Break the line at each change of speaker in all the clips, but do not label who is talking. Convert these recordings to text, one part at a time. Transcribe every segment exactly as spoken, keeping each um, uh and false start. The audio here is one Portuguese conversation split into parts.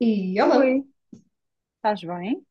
E olá,
Oi, estás bem?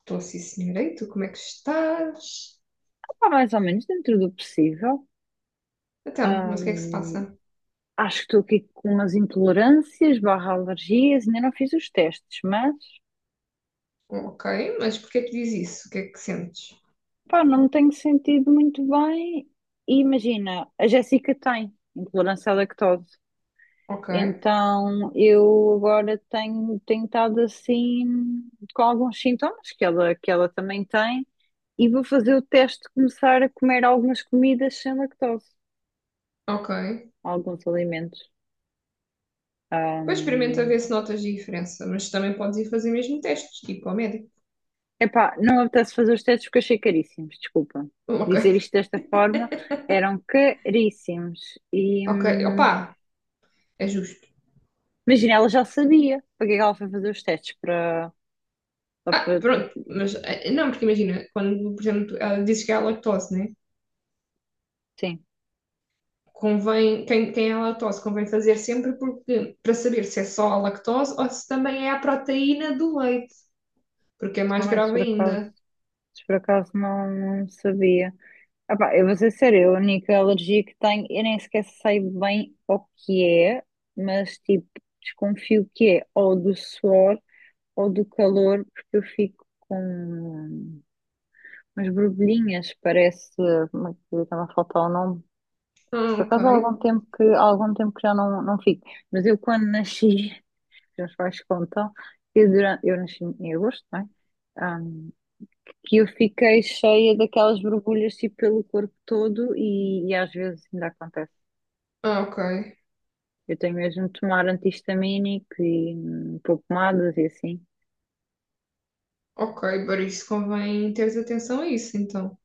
estou sim senhora, e tu como é que estás?
Opa, mais ou menos dentro do possível.
Então, mas o que é que se
Ahm,
passa?
acho que estou aqui com umas intolerâncias barra alergias, ainda não fiz os testes, mas
Ok, mas porquê é que diz isso? O que é que sentes?
pá, não me tenho sentido muito bem. E imagina, a Jéssica tem intolerância à lactose,
Ok,
então eu agora tenho tentado assim com alguns sintomas que ela, que ela também tem e vou fazer o teste de começar a comer algumas comidas sem lactose,
ok.
alguns alimentos.
Depois experimenta ver se notas diferença, mas também podes ir fazer mesmo testes, tipo ao médico.
Epá, não apetece fazer os testes porque achei caríssimos, desculpa. Dizer
Ok,
isto desta forma, eram caríssimos. E
ok,
hum,
opá, é justo.
imagina, ela já sabia para que é que ela foi fazer os testes para, só
Ah,
para-
pronto, mas eh, não, porque imagina, quando, por exemplo, tu- ela dizes que é a lactose, né?
sim.
Convém, quem, quem é a lactose convém fazer sempre porque, para saber se é só a lactose ou se também é a proteína do leite, porque é mais
Ai, se
grave
por acaso,
ainda.
se por acaso não, não sabia. Epá, eu vou ser sério, a única alergia que tenho, eu nem sequer sei bem o que é, mas tipo, desconfio que é ou do suor ou do calor, porque eu fico com Mas borbulhinhas, parece, como é que está-me a faltar o nome?
Ah,
Por
ok.
acaso há algum tempo que, há algum tempo que já não, não fico. Mas eu quando nasci, que os meus pais contam, eu, durante, eu nasci em agosto, não é? Ahm, que eu fiquei cheia daquelas borbulhas tipo, pelo corpo todo e, e às vezes ainda acontece.
Ah, ok.
Eu tenho mesmo de tomar anti-histamínico e hum, pôr pomadas e assim.
Ok, por isso convém teres atenção a isso, então.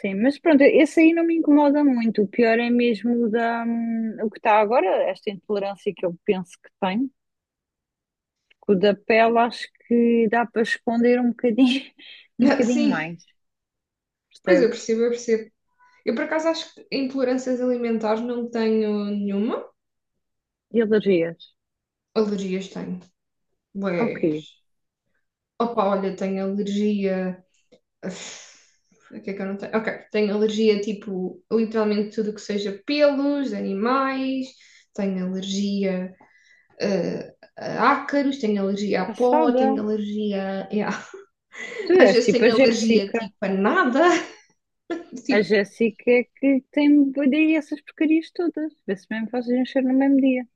Sim, mas pronto, esse aí não me incomoda muito. O pior é mesmo o da, hum, o que está agora, esta intolerância que eu penso que tenho. Com o da pele acho que dá para esconder um bocadinho, um bocadinho
Sim,
mais,
pois eu
percebes?
percebo, eu percebo. Eu, por acaso, acho que intolerâncias alimentares não tenho nenhuma.
E alergias.
Alergias tenho.
Ok.
Ué. Opa, olha, tenho alergia. Uf. O que é que eu não tenho? Ok, tenho alergia, tipo, literalmente tudo que seja pelos, animais. Tenho alergia, eh, a ácaros, tenho alergia a pó,
Passada.
tenho alergia
Tu
às
és
vezes
tipo a
tenho alergia,
Jéssica.
tipo, a nada.
A
Tipo,
Jéssica é que tem daí essas porcarias todas. Vê-se mesmo fazes encher no mesmo dia.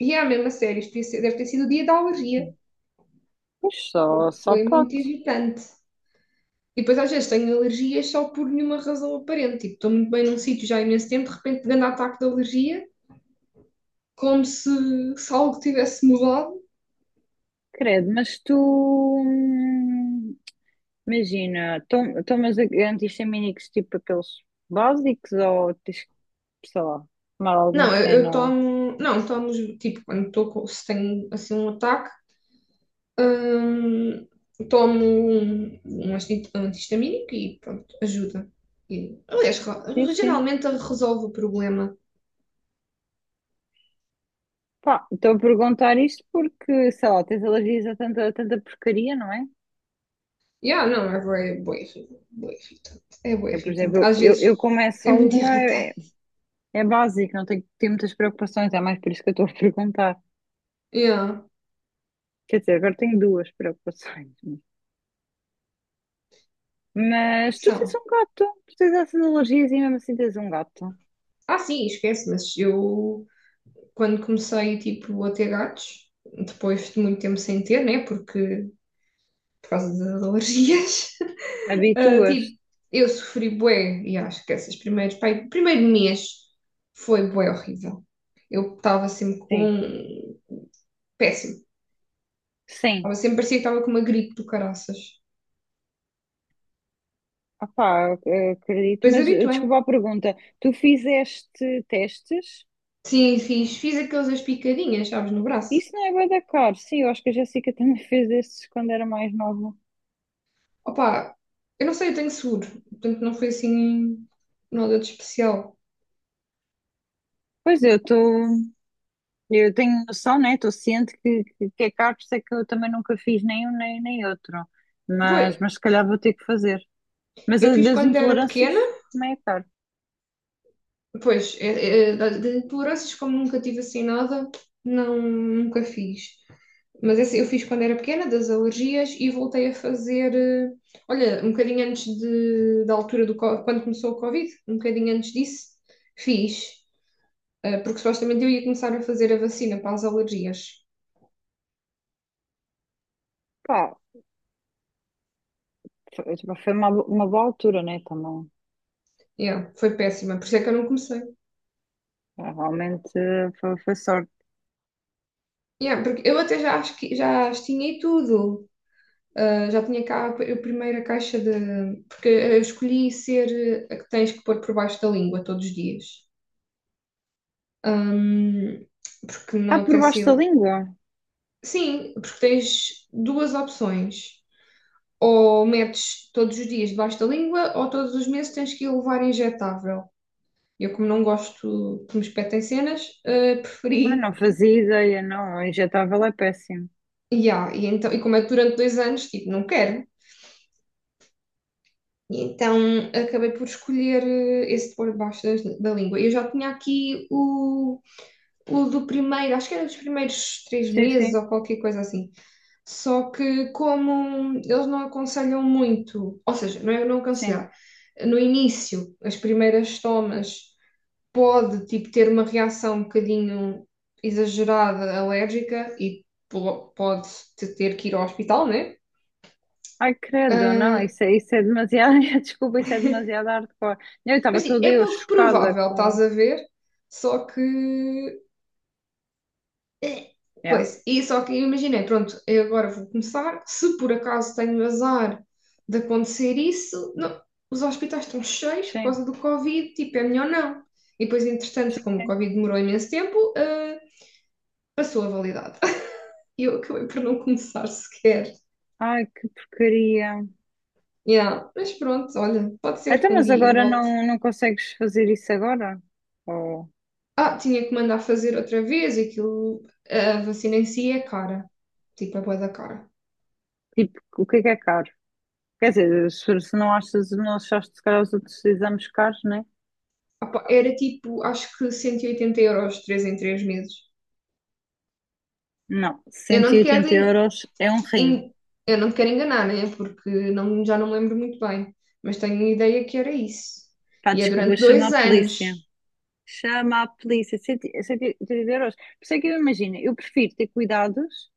e é mesmo a sério, isto devia ser- deve ter sido o dia da alergia.
Pois só, só
Foi muito
pode.
irritante. E depois às vezes tenho alergias só por nenhuma razão aparente. Tipo, estou muito bem num sítio já há imenso tempo, de repente grande ataque de alergia, como se, se algo tivesse mudado.
Credo, mas tu. hum, Imagina, tom- tomas antistamínicos tipo aqueles básicos ou tens que, sei lá, tomar alguma
Não, eu, eu
cena?
tomo, não, tomo, tipo, quando estou, com- se tenho assim um ataque, hum, tomo um, um anti- um anti-histamínico e pronto, ajuda. E, aliás, ra-
Sim, sim.
geralmente resolve o problema.
Pá, estou a perguntar isto porque, sei lá, tens alergias a tanta, a tanta porcaria, não é?
Yeah, não, é bué, bué, irri- bué irritante. É bué
Eu, por
irritante.
exemplo,
Às
eu,
vezes
eu como é
é
só
muito
uma,
irritante.
é, é básico, não tenho que ter muitas preocupações, é mais por isso que eu estou a perguntar.
Yeah,
Quer dizer, agora tenho duas preocupações.
olha que
Mas tu tens
são.
um gato, tu tens essas alergias e mesmo assim tens um gato.
Ah, sim, esquece, mas eu quando comecei tipo a ter gatos, depois de muito tempo sem ter, né, porque por causa das alergias, ah,
Habituas?
tipo, eu sofri bué, e acho que esses primeiros, pai, o primeiro mês foi bué horrível. Eu estava sempre com
Sim.
péssimo. Estava
Sim.
sempre parecia que estava com uma gripe do caraças.
Opá, eu acredito,
Depois
mas eh,
habituei.
desculpa a pergunta. Tu fizeste testes?
Sim, fiz, fiz aqueles picadinhas, sabes, no braço.
Isso não é bué da caro. Sim, eu acho que a Jéssica também fez esses quando era mais nova.
Opa, eu não sei, eu tenho seguro, portanto não foi assim nada de especial.
Pois eu estou, eu tenho noção, né? Estou ciente que, que, que é caro, por isso é que eu também nunca fiz nem um nem, nem outro.
Pois,
Mas, mas se calhar vou ter que fazer. Mas
eu
a
fiz
das
quando era
intolerâncias
pequena,
também é caro.
pois, é- é, de de intolerâncias, como nunca tive assim nada, não, nunca fiz. Mas esse eu fiz quando era pequena, das alergias, e voltei a fazer, eh, olha, um bocadinho antes de, da altura do, co- quando começou o Covid, um bocadinho antes disso, fiz, eh, porque supostamente eu ia começar a fazer a vacina para as alergias.
Pá, foi, tipo, foi uma, uma boa altura, né? Também.
Yeah, foi péssima, por isso é que eu não comecei.
Ah, Realmente eh, foi, foi sorte.
Yeah, porque eu até já, acho que- já as tinha e tudo. Ah, já tinha cá a p- a primeira caixa de. Porque eu escolhi ser a que tens que pôr por baixo da língua todos os dias. Ahm, Porque não
Ah, por
apetece
baixo da
ir.
língua.
Sim, porque tens duas opções. Ou metes todos os dias debaixo da língua, ou todos os meses tens que ir levar injetável. Eu, como não gosto que me espetem cenas, ah,
Ah,
preferi.
não fazia ideia, não. O injetável é péssimo.
E, e, então, e como é que durante dois anos, tipo, não quero. E então acabei por escolher eh, esse de pôr debaixo das- da língua. Eu já tinha aqui o, o do primeiro, acho que era dos primeiros três
Sim,
meses
sim,
ou qualquer coisa assim. Só que como eles não aconselham muito, ou seja, não é não
sim.
aconselhar, no início, as primeiras tomas, pode, tipo, ter uma reação um bocadinho exagerada, alérgica, e po- pode te- ter que ir ao hospital, né?
Ai, credo, não,
Ah,
isso é, isso é demasiado. Desculpa, isso é demasiado hardcore. Eu
mas
estava
sim,
toda
é
eu
pouco
chocada
provável, estás
com.
a ver? Só que. É.
Yeah.
Coisa. E só que eu imaginei, pronto, eu agora vou começar. Se por acaso tenho azar de acontecer isso, não, os hospitais estão cheios por
Sim.
causa do Covid, tipo, é melhor não. E depois, entretanto, como o
Sim.
Covid demorou imenso tempo, ah, passou a validade. E eu acabei por não começar sequer.
Ai, que porcaria.
Yeah. Mas pronto, olha, pode ser que
Então,
um
mas
dia
agora
volte.
não, não consegues fazer isso agora? Ou,
Ah, tinha que mandar fazer outra vez, aquilo, a vacina em si é cara, tipo, é bué da cara.
tipo, o que é que é caro? Quer dizer, se, se não achas, não achaste se calhar os outros exames caros, né?
Ah pá, era tipo, acho que cento e oitenta euros, três em três meses.
Não,
Eu
cento
não
e
te quero,
oitenta
en-
euros é um rim.
en- eu não te quero enganar, né? Porque não, já não me lembro muito bem, mas tenho a ideia que era isso.
Pá,
E é
desculpa,
durante
chama a
dois
polícia.
anos.
Chama a polícia. Cento e oitenta euros. Por isso é que eu imagino, eu prefiro ter cuidados.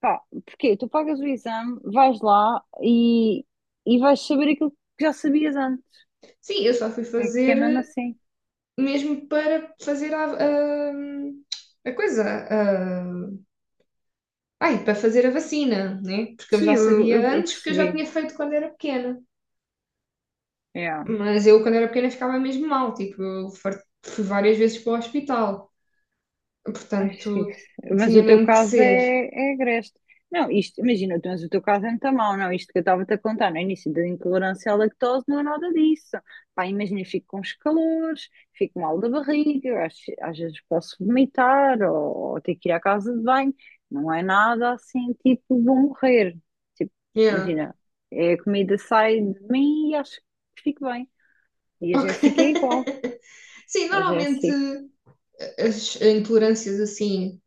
Pá, porque tu pagas o exame, vais lá e, e vais saber aquilo que já sabias antes.
Sim, eu só fui
É que é mesmo
fazer
assim.
mesmo para fazer a, a, a coisa, a, ai, para fazer a vacina, né? Porque eu
Sim,
já
eu,
sabia
eu- eu
antes, porque eu já
percebi.
tinha feito quando era pequena.
Yeah.
Mas eu, quando era pequena, ficava mesmo mal, tipo, eu far- fui várias vezes para o hospital.
Ai, sim.
Portanto,
Mas
tinha
o teu
mesmo que
caso
ser.
é, é agreste. Não, isto, imagina, mas o teu caso é muito mau, não? Isto que eu estava-te a contar no início da intolerância à lactose não é nada disso. Pá, imagina, eu fico com os calores, fico mal da barriga, eu acho- às, vezes posso vomitar ou, ou, ter que ir à casa de banho. Não é nada assim, tipo, vou morrer. Tipo,
Yeah.
imagina, é a comida sai de mim e acho que fico bem. E a
Ok.
Jéssica é igual.
Sim,
A
normalmente
Jéssica.
as intolerâncias assim,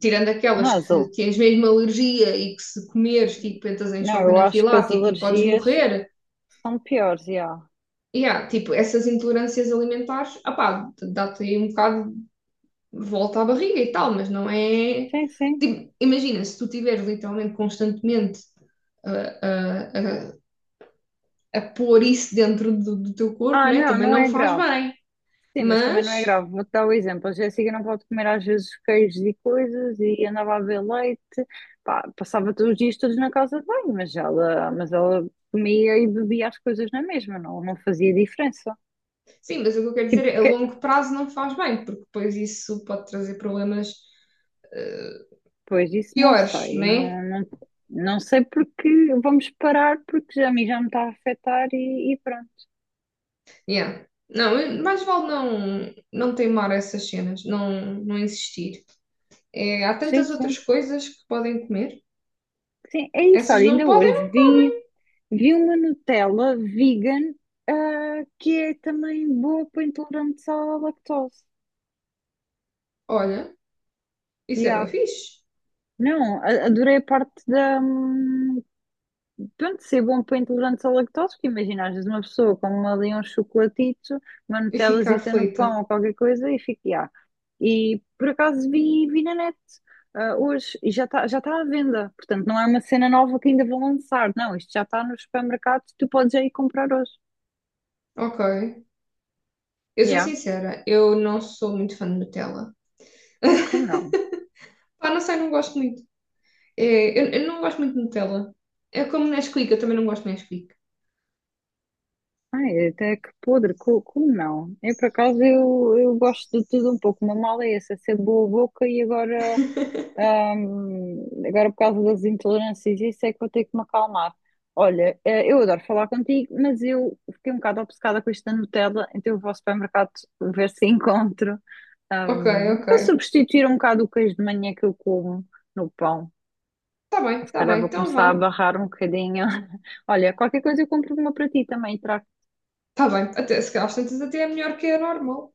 tirando aquelas
Não,
que tens mesmo alergia e que se comeres, tipo, entras em
não,
choque
eu acho que as
anafilático e podes
alergias
morrer.
são piores, já.
Yeah, tipo, essas intolerâncias alimentares, ah pá dá-te aí um bocado de volta à barriga e tal, mas não é.
Sim, sim.
Tipo, imagina, se tu tiveres literalmente constantemente a, a, a pôr isso dentro do, do teu corpo,
Ah,
né?
não,
Também
não
não
é
faz
grave.
bem.
Sim, mas também não é
Mas,
grave. Vou-te dar o exemplo. A Jéssica não pode comer às vezes queijos e coisas e andava a beber leite. Pá, passava todos os dias todos na casa de banho, mas ela, mas ela comia e bebia as coisas na mesma, não, não fazia diferença.
sim, mas o que eu quero dizer
Tipo,
é a
que-
longo prazo não faz bem, porque depois isso pode trazer problemas eh,
pois isso não
piores,
sei.
né?
Não, não, não sei porque vamos parar porque já, a mim já me está a afetar e, e pronto.
Yeah. Não, mais vale não, não teimar essas cenas, não, não insistir. É, há
Sim,
tantas outras
sim.
coisas que podem comer,
Sim, é isso.
essas
Olha,
não
ainda hoje
podem, não.
vi, vi uma Nutella vegan, ah, que é também boa para intolerantes à lactose.
Olha, isso é
Yeah.
bem fixe.
Não, a- adorei a parte da, hum, Pronto, ser bom para intolerantes à lactose, porque imagina, às vezes uma pessoa come ali um chocolatito, uma
E ficar
nutelazita no pão
aflita.
ou qualquer coisa e fica, ah. E por acaso vi, vi na net ah, hoje e já está já tá à venda, portanto não é uma cena nova que ainda vão lançar, não, isto já está nos supermercados, tu podes já ir comprar hoje.
Ok. Eu sou
Yeah,
sincera, eu não sou muito fã de Nutella.
como não?
Pá, não sei, não gosto muito. É, eu, eu não gosto muito de Nutella. É como Nesquik, eu também não gosto de Nesquik.
Ai, até que podre, co- como, não? Eu por acaso eu, eu gosto de tudo um pouco, uma mala é essa, ser boa boca e agora. Ahm, agora, por causa das intolerâncias, isso é que vou ter que me acalmar. Olha, eh, eu adoro falar contigo, mas eu fiquei um bocado obcecada com isto da Nutella, então eu vou ao supermercado ver se encontro,
Ok,
ahm,
ok.
para substituir um bocado o queijo de manhã que eu como no pão.
Tá bem,
Se
tá
calhar
bem,
vou
então
começar a
vá.
barrar um bocadinho. Olha, qualquer coisa eu compro uma para ti também e trago.
Tá bem, até, se calhar às tantas até é melhor que a normal.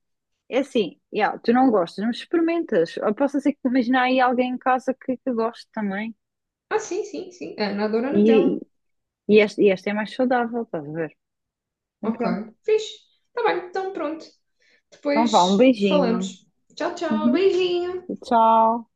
É assim, yeah, tu não gostas, mas experimentas. Ou posso ser que imaginar aí alguém em casa que, que goste também.
Ah, sim, sim, sim. A Ana adora
E,
Nutella.
e, esta, e esta é mais saudável, estás a ver? Então,
Ok,
pronto.
fixe. Tá bem, então pronto.
Então vá,
Depois
um beijinho.
falamos. Tchau, tchau,
Uhum.
beijinho.
Tchau.